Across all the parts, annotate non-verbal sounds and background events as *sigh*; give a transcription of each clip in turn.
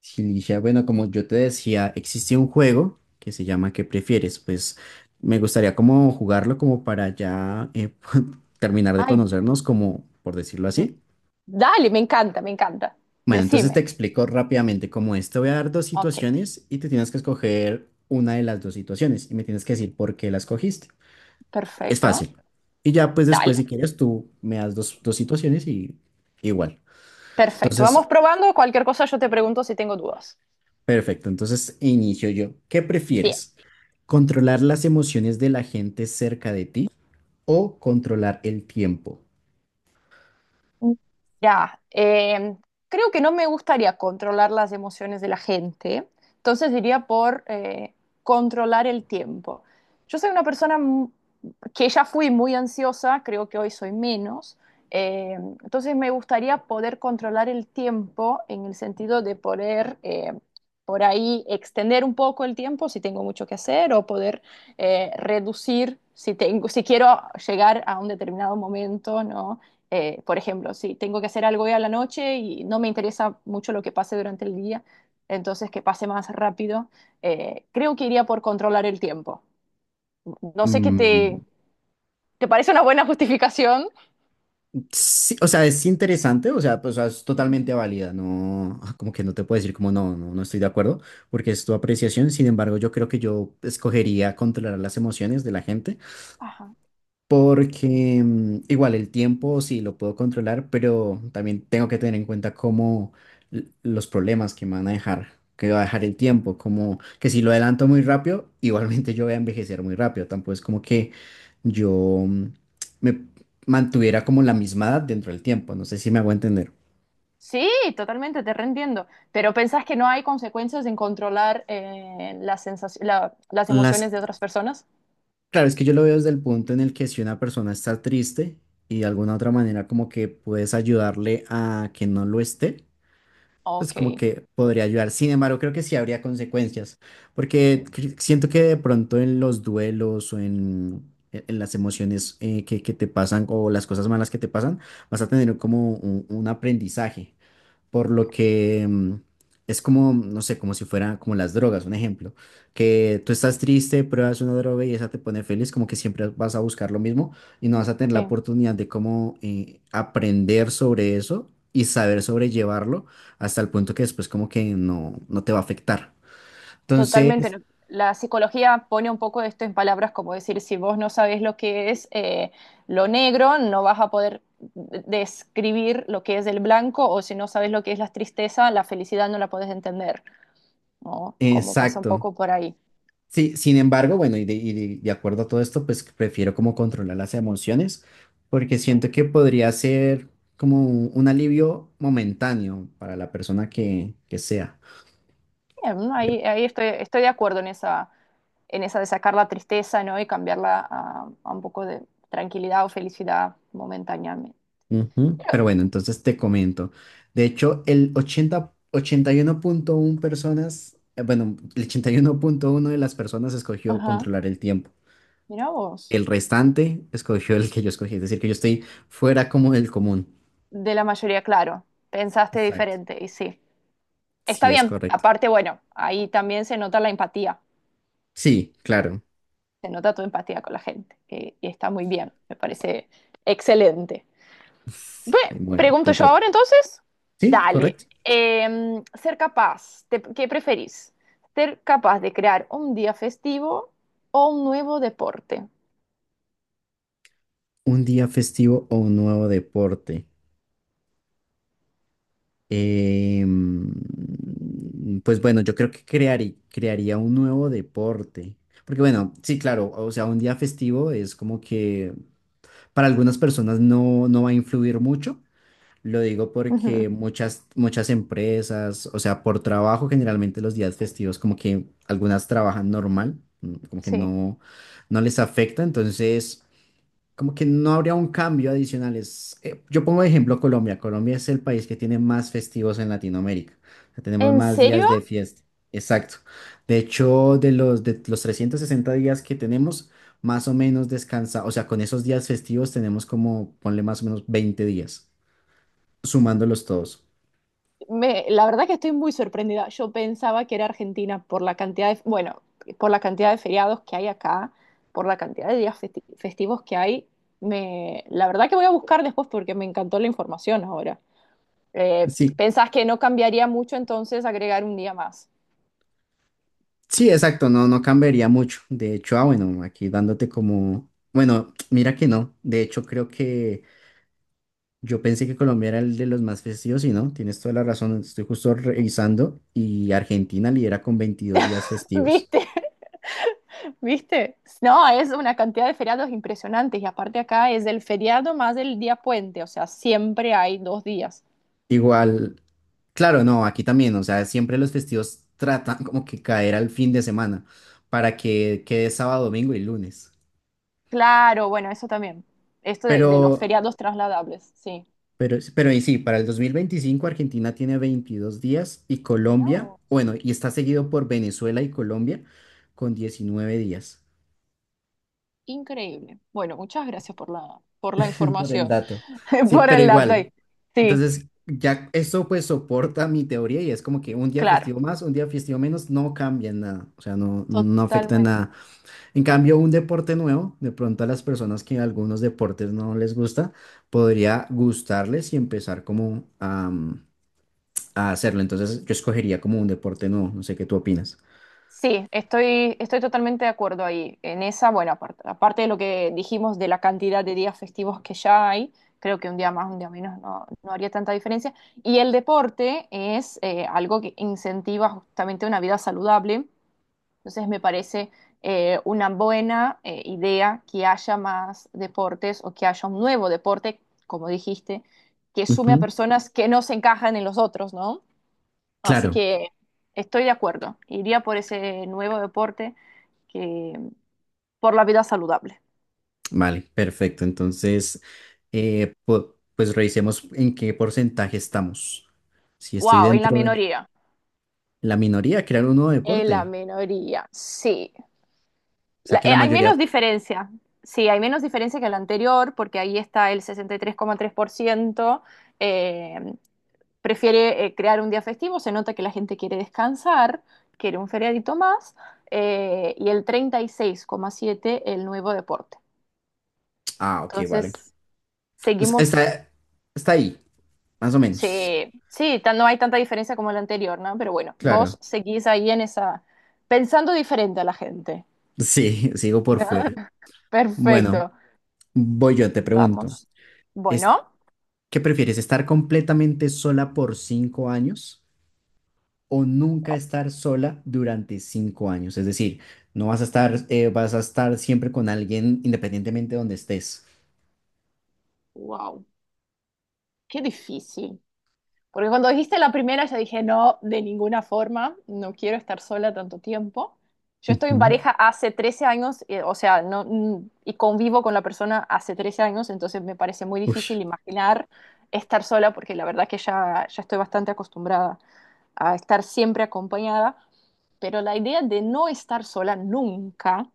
Sí, Ligia, bueno, como yo te decía, existe un juego que se llama ¿qué prefieres? Pues me gustaría como jugarlo como para ya *laughs* terminar de Ay, conocernos, como por decirlo m- así. dale, me encanta, me encanta. Bueno, entonces Decime. te explico rápidamente cómo es. Te voy a dar dos Ok, situaciones y te tienes que escoger una de las dos situaciones y me tienes que decir por qué la escogiste. Es perfecto. fácil. Y ya pues después Dale, si quieres tú me das dos situaciones y igual. perfecto. Vamos Entonces. probando. Cualquier cosa yo te pregunto si tengo dudas. Perfecto, entonces inicio yo. ¿Qué Bien. prefieres? ¿Controlar las emociones de la gente cerca de ti o controlar el tiempo? Ya, creo que no me gustaría controlar las emociones de la gente, entonces diría por controlar el tiempo. Yo soy una persona que ya fui muy ansiosa, creo que hoy soy menos, entonces me gustaría poder controlar el tiempo en el sentido de poder por ahí extender un poco el tiempo si tengo mucho que hacer o poder reducir si tengo, si quiero llegar a un determinado momento, ¿no? Por ejemplo, si tengo que hacer algo hoy a la noche y no me interesa mucho lo que pase durante el día, entonces que pase más rápido, creo que iría por controlar el tiempo. No sé qué te, Mm, ¿te parece una buena justificación? sí, o sea, es interesante, o sea, pues, o sea, es totalmente Ujú. válida, no, ah, como que no te puedo decir como no, no, no estoy de acuerdo, porque es tu apreciación. Sin embargo, yo creo que yo escogería controlar las emociones de la gente, Ajá. porque igual el tiempo sí lo puedo controlar, pero también tengo que tener en cuenta cómo los problemas que me van a dejar, que va a dejar el tiempo, como que si lo adelanto muy rápido, *laughs* igualmente yo voy a envejecer muy rápido, tampoco es como que yo mm, me mantuviera como la misma edad dentro del tiempo, no sé si me hago entender. Sí, totalmente, te reentiendo. ¿Pero pensás que no hay consecuencias en controlar las las Las, emociones de otras personas? claro, es que yo lo veo desde el punto en el que si una persona está triste y de alguna otra manera como que puedes ayudarle a que no lo esté, pues Ok, como que podría ayudar. Sin embargo, creo que sí habría consecuencias, porque siento que de pronto en los duelos o en las emociones que te pasan o las cosas malas que te pasan, vas a tener como un aprendizaje, por lo que es como, no sé, como si fuera como las drogas, un ejemplo, que tú estás triste, pruebas una droga y esa te pone feliz, como que siempre vas a buscar lo mismo y no vas a tener la sí. oportunidad de cómo aprender sobre eso y saber sobrellevarlo hasta el punto que después como que no te va a afectar. Totalmente. Entonces, La psicología pone un poco esto en palabras, como decir, si vos no sabés lo que es lo negro, no vas a poder describir lo que es el blanco, o si no sabes lo que es la tristeza, la felicidad no la podés entender, ¿no? Como pasa un exacto. poco por ahí. Sí, sin embargo, bueno, de acuerdo a todo esto, pues prefiero como controlar las emociones, porque siento que podría ser como un alivio momentáneo para la persona que sea. Bien, ¿no? Yep. Ahí, ahí estoy, estoy de acuerdo en esa de sacar la tristeza, ¿no? Y cambiarla a un poco de tranquilidad o felicidad momentáneamente. Ujú. Pero, Pero bueno, entonces te comento. De hecho, el ochenta y uno punto uno personas, bueno, el 81,1 de las personas escogió ajá, controlar el tiempo. mira vos. El restante escogió el que yo escogí, es decir, que yo estoy fuera como del común. De la mayoría, claro. Pensaste Exacto. diferente, y sí. Está Sí, es bien, correcto. aparte, bueno, ahí también se nota la empatía, Sí, claro. se nota tu empatía con la gente, que está muy bien, me parece excelente. Ve, Bueno, pregunto te yo toca. ahora entonces, Sí, dale, correcto. Ser capaz, te- ¿qué preferís? ¿Ser capaz de crear un día festivo o un nuevo deporte? ¿Un día festivo o un nuevo deporte? Em, pues bueno, yo creo que crearía un nuevo deporte. Porque bueno, sí, claro, o sea, un día festivo es como que para algunas personas no va a influir mucho. Lo digo Ujú, porque muchas empresas, o sea, por trabajo generalmente los días festivos como que algunas trabajan normal, como que sí. no les afecta. Entonces, como que no habría un cambio adicional. Yo pongo de ejemplo Colombia. Colombia es el país que tiene más festivos en Latinoamérica. O sea, tenemos ¿En más serio? días de fiesta. Exacto. De hecho, de los 360 días que tenemos, más o menos descansa. O sea, con esos días festivos tenemos como, ponle más o menos 20 días, sumándolos todos. Me, la verdad que estoy muy sorprendida. Yo pensaba que era Argentina por la cantidad de, bueno, por la cantidad de feriados que hay acá, por la cantidad de días festivos que hay. Me, la verdad que voy a buscar después porque me encantó la información ahora. Eh, Sí, ¿Pensás que no cambiaría mucho entonces agregar un día más? sí, exacto, no cambiaría mucho. De hecho, ah, bueno, aquí dándote como, bueno, mira que no. De hecho, creo que yo pensé que Colombia era el de los más festivos y no, tienes toda la razón. Estoy justo revisando y Argentina lidera con 22 días *laughs* festivos. ¿Viste? *laughs* ¿Viste? No, es una cantidad de feriados impresionantes y aparte acá es el feriado más el día puente, o sea, siempre hay dos días. Igual, claro, no, aquí también, o sea, siempre los festivos tratan como que caer al fin de semana para que quede sábado, domingo y lunes. Claro, bueno, eso también. Esto de los Pero, feriados trasladables, sí. pero y sí, para el 2025 Argentina tiene 22 días y Mira Colombia, vos, bueno, y está seguido por Venezuela y Colombia con 19 días. increíble. Bueno, muchas gracias por la Por el información, dato. *laughs* Sí, por pero el dato igual. ahí. Sí, Entonces, ya eso pues soporta mi teoría, y es como que un día claro, festivo más, un día festivo menos, no cambia en nada. O sea, no afecta en totalmente. nada. En cambio, un deporte nuevo, de pronto a las personas que algunos deportes no les gusta, podría gustarles y empezar como a hacerlo. Entonces, yo escogería como un deporte nuevo. No sé qué tú opinas. Sí, estoy, estoy totalmente de acuerdo ahí. En esa, bueno, aparte, aparte de lo que dijimos de la cantidad de días festivos que ya hay, creo que un día más, un día menos no, no haría tanta diferencia. Y el deporte es algo que incentiva justamente una vida saludable. Entonces me parece una buena idea que haya más deportes o que haya un nuevo deporte, como dijiste, que sume a Ujú. personas que no se encajan en los otros, ¿no? Así Claro. que estoy de acuerdo. Iría por ese nuevo deporte que por la vida saludable. Vale, perfecto. Entonces, pues revisemos en qué porcentaje estamos. Si estoy Wow, en la dentro de minoría. la minoría, crear un nuevo En la deporte. minoría, sí. O sea que la Hay mayoría. menos diferencia. Sí, hay menos diferencia que el anterior porque ahí está el 63,3% prefiere crear un día festivo, se nota que la gente quiere descansar, quiere un feriadito más, y el 36,7 el nuevo deporte. Ah, ok, vale. Entonces, O sea, seguimos, está ahí, más o menos. sí, sí, no hay tanta diferencia como el anterior, ¿no? Pero bueno, Claro. vos seguís ahí en esa, pensando diferente a la gente. Sí, *laughs* sigo por fuera. *laughs* Bueno, Perfecto, voy yo, te pregunto. vamos. ¿Es, Bueno, qué prefieres, estar completamente sola por 5 años o nunca estar sola durante 5 años? Es decir, no vas a estar, vas a estar siempre con alguien independientemente de donde estés. wow, qué difícil. Porque cuando dijiste la primera, yo dije, no, de ninguna forma, no quiero estar sola tanto tiempo. Yo estoy en Ujú. pareja hace 13 años, o sea, no, mm, y convivo con la persona hace 13 años, entonces me parece muy Ush. difícil imaginar estar sola, porque la verdad que ya, ya estoy bastante acostumbrada a estar siempre acompañada, pero la idea de no estar sola nunca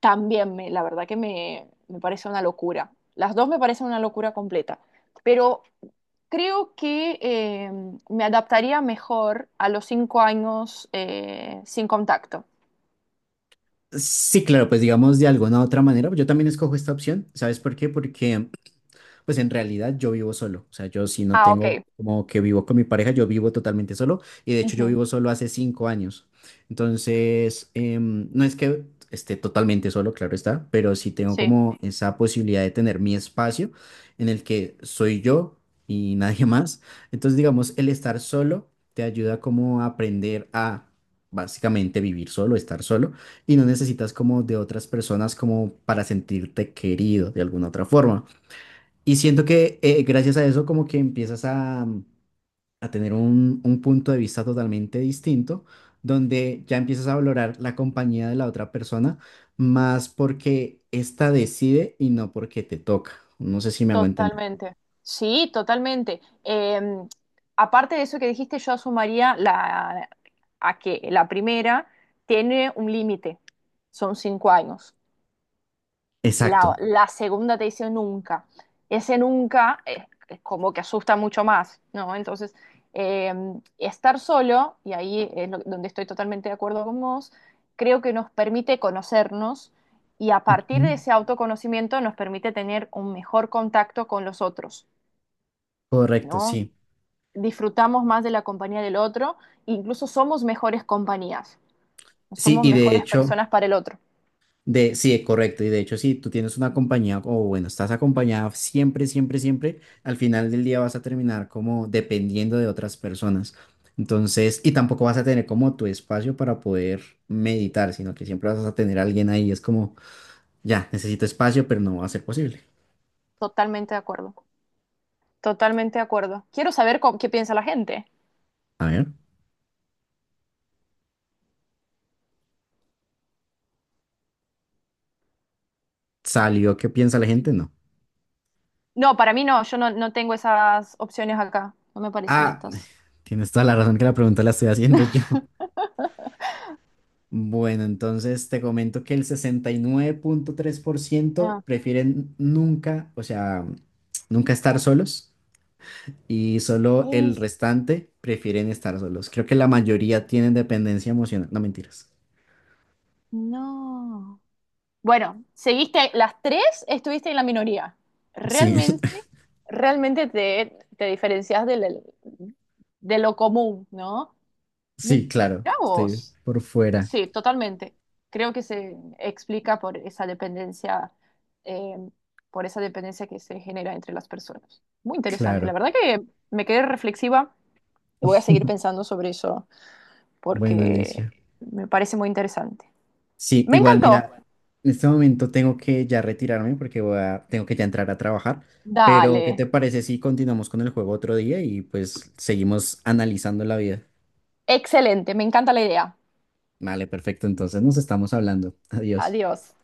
también me, la verdad que me parece una locura. Las dos me parecen una locura completa. Pero creo que me adaptaría mejor a los 5 años sin contacto. Sí, claro, pues digamos de alguna u otra manera, yo también escojo esta opción. ¿Sabes por qué? Porque pues en realidad yo vivo solo. O sea, yo sí no Ah, tengo ok. como que vivo con mi pareja, yo vivo totalmente solo. Y de hecho yo Ujú, vivo solo hace 5 años. Entonces, no es que esté totalmente solo, claro está, pero sí tengo sí, como esa posibilidad de tener mi espacio en el que soy yo y *laughs* nadie más. Entonces, digamos, el estar solo te ayuda como a aprender a básicamente vivir solo, estar solo, y no necesitas como de otras personas como para sentirte querido de alguna otra forma. Y siento que gracias a eso como que empiezas a tener un punto de vista totalmente distinto, donde ya empiezas a valorar la compañía de la otra persona más porque ésta decide y no porque te toca. No sé si me hago entender. totalmente. Sí, totalmente. Aparte de eso que dijiste, yo asumiría la, a que la primera tiene un límite, son 5 años. La, Exacto. la segunda te dice nunca. Ese nunca es, es como que asusta mucho más, ¿no? Entonces, eh, estar solo, y ahí es donde estoy totalmente de acuerdo con vos, creo que nos permite conocernos y a partir de Ujú. ese autoconocimiento nos permite tener un mejor contacto con los otros, Correcto, ¿no? sí. Disfrutamos más de la compañía del otro, incluso somos mejores compañías, Sí, somos y de mejores hecho, personas para el otro. Sí, correcto. Y de hecho, si tú tienes una compañía o bueno, estás acompañada siempre, siempre, siempre, al final del día vas a terminar como dependiendo de otras personas. Entonces, y tampoco vas a tener como tu espacio para poder meditar, sino que siempre vas a tener a alguien ahí. Es como, ya, necesito espacio, pero no va a ser posible. Totalmente de acuerdo. Totalmente de acuerdo. Quiero saber cómo- qué piensa la gente. A ver, ¿salió qué piensa la gente? No. No, para mí no, yo no, no tengo esas opciones acá. No me parecen Ah, estas. tienes toda la razón, que la pregunta la estoy haciendo *laughs* yo. *laughs* Bueno, entonces te comento que el 69,3% Ah, prefieren nunca, o sea, nunca estar solos, y solo el es- restante prefieren estar solos. Creo que la mayoría tienen dependencia emocional. No, mentiras. no. Bueno, seguiste las tres, estuviste en la minoría. Sí, *laughs* Realmente, realmente te, te diferencias del, de lo común, ¿no? Mira sí, claro, estoy vos. por fuera, Sí, totalmente. Creo que se explica eh, por esa dependencia que se genera entre las personas. Muy interesante. La claro. verdad que me quedé reflexiva voy a seguir *laughs* pensando sobre eso Bueno, porque Alicia, me parece muy interesante. sí, Me igual, mira, encantó. en este momento tengo que ya retirarme porque tengo que ya entrar a trabajar, pero ¿qué Dale. te parece si continuamos con el juego otro día y pues seguimos analizando la vida? Excelente, me encanta la idea. Vale, perfecto, entonces nos estamos hablando. *laughs* Adiós. Adiós.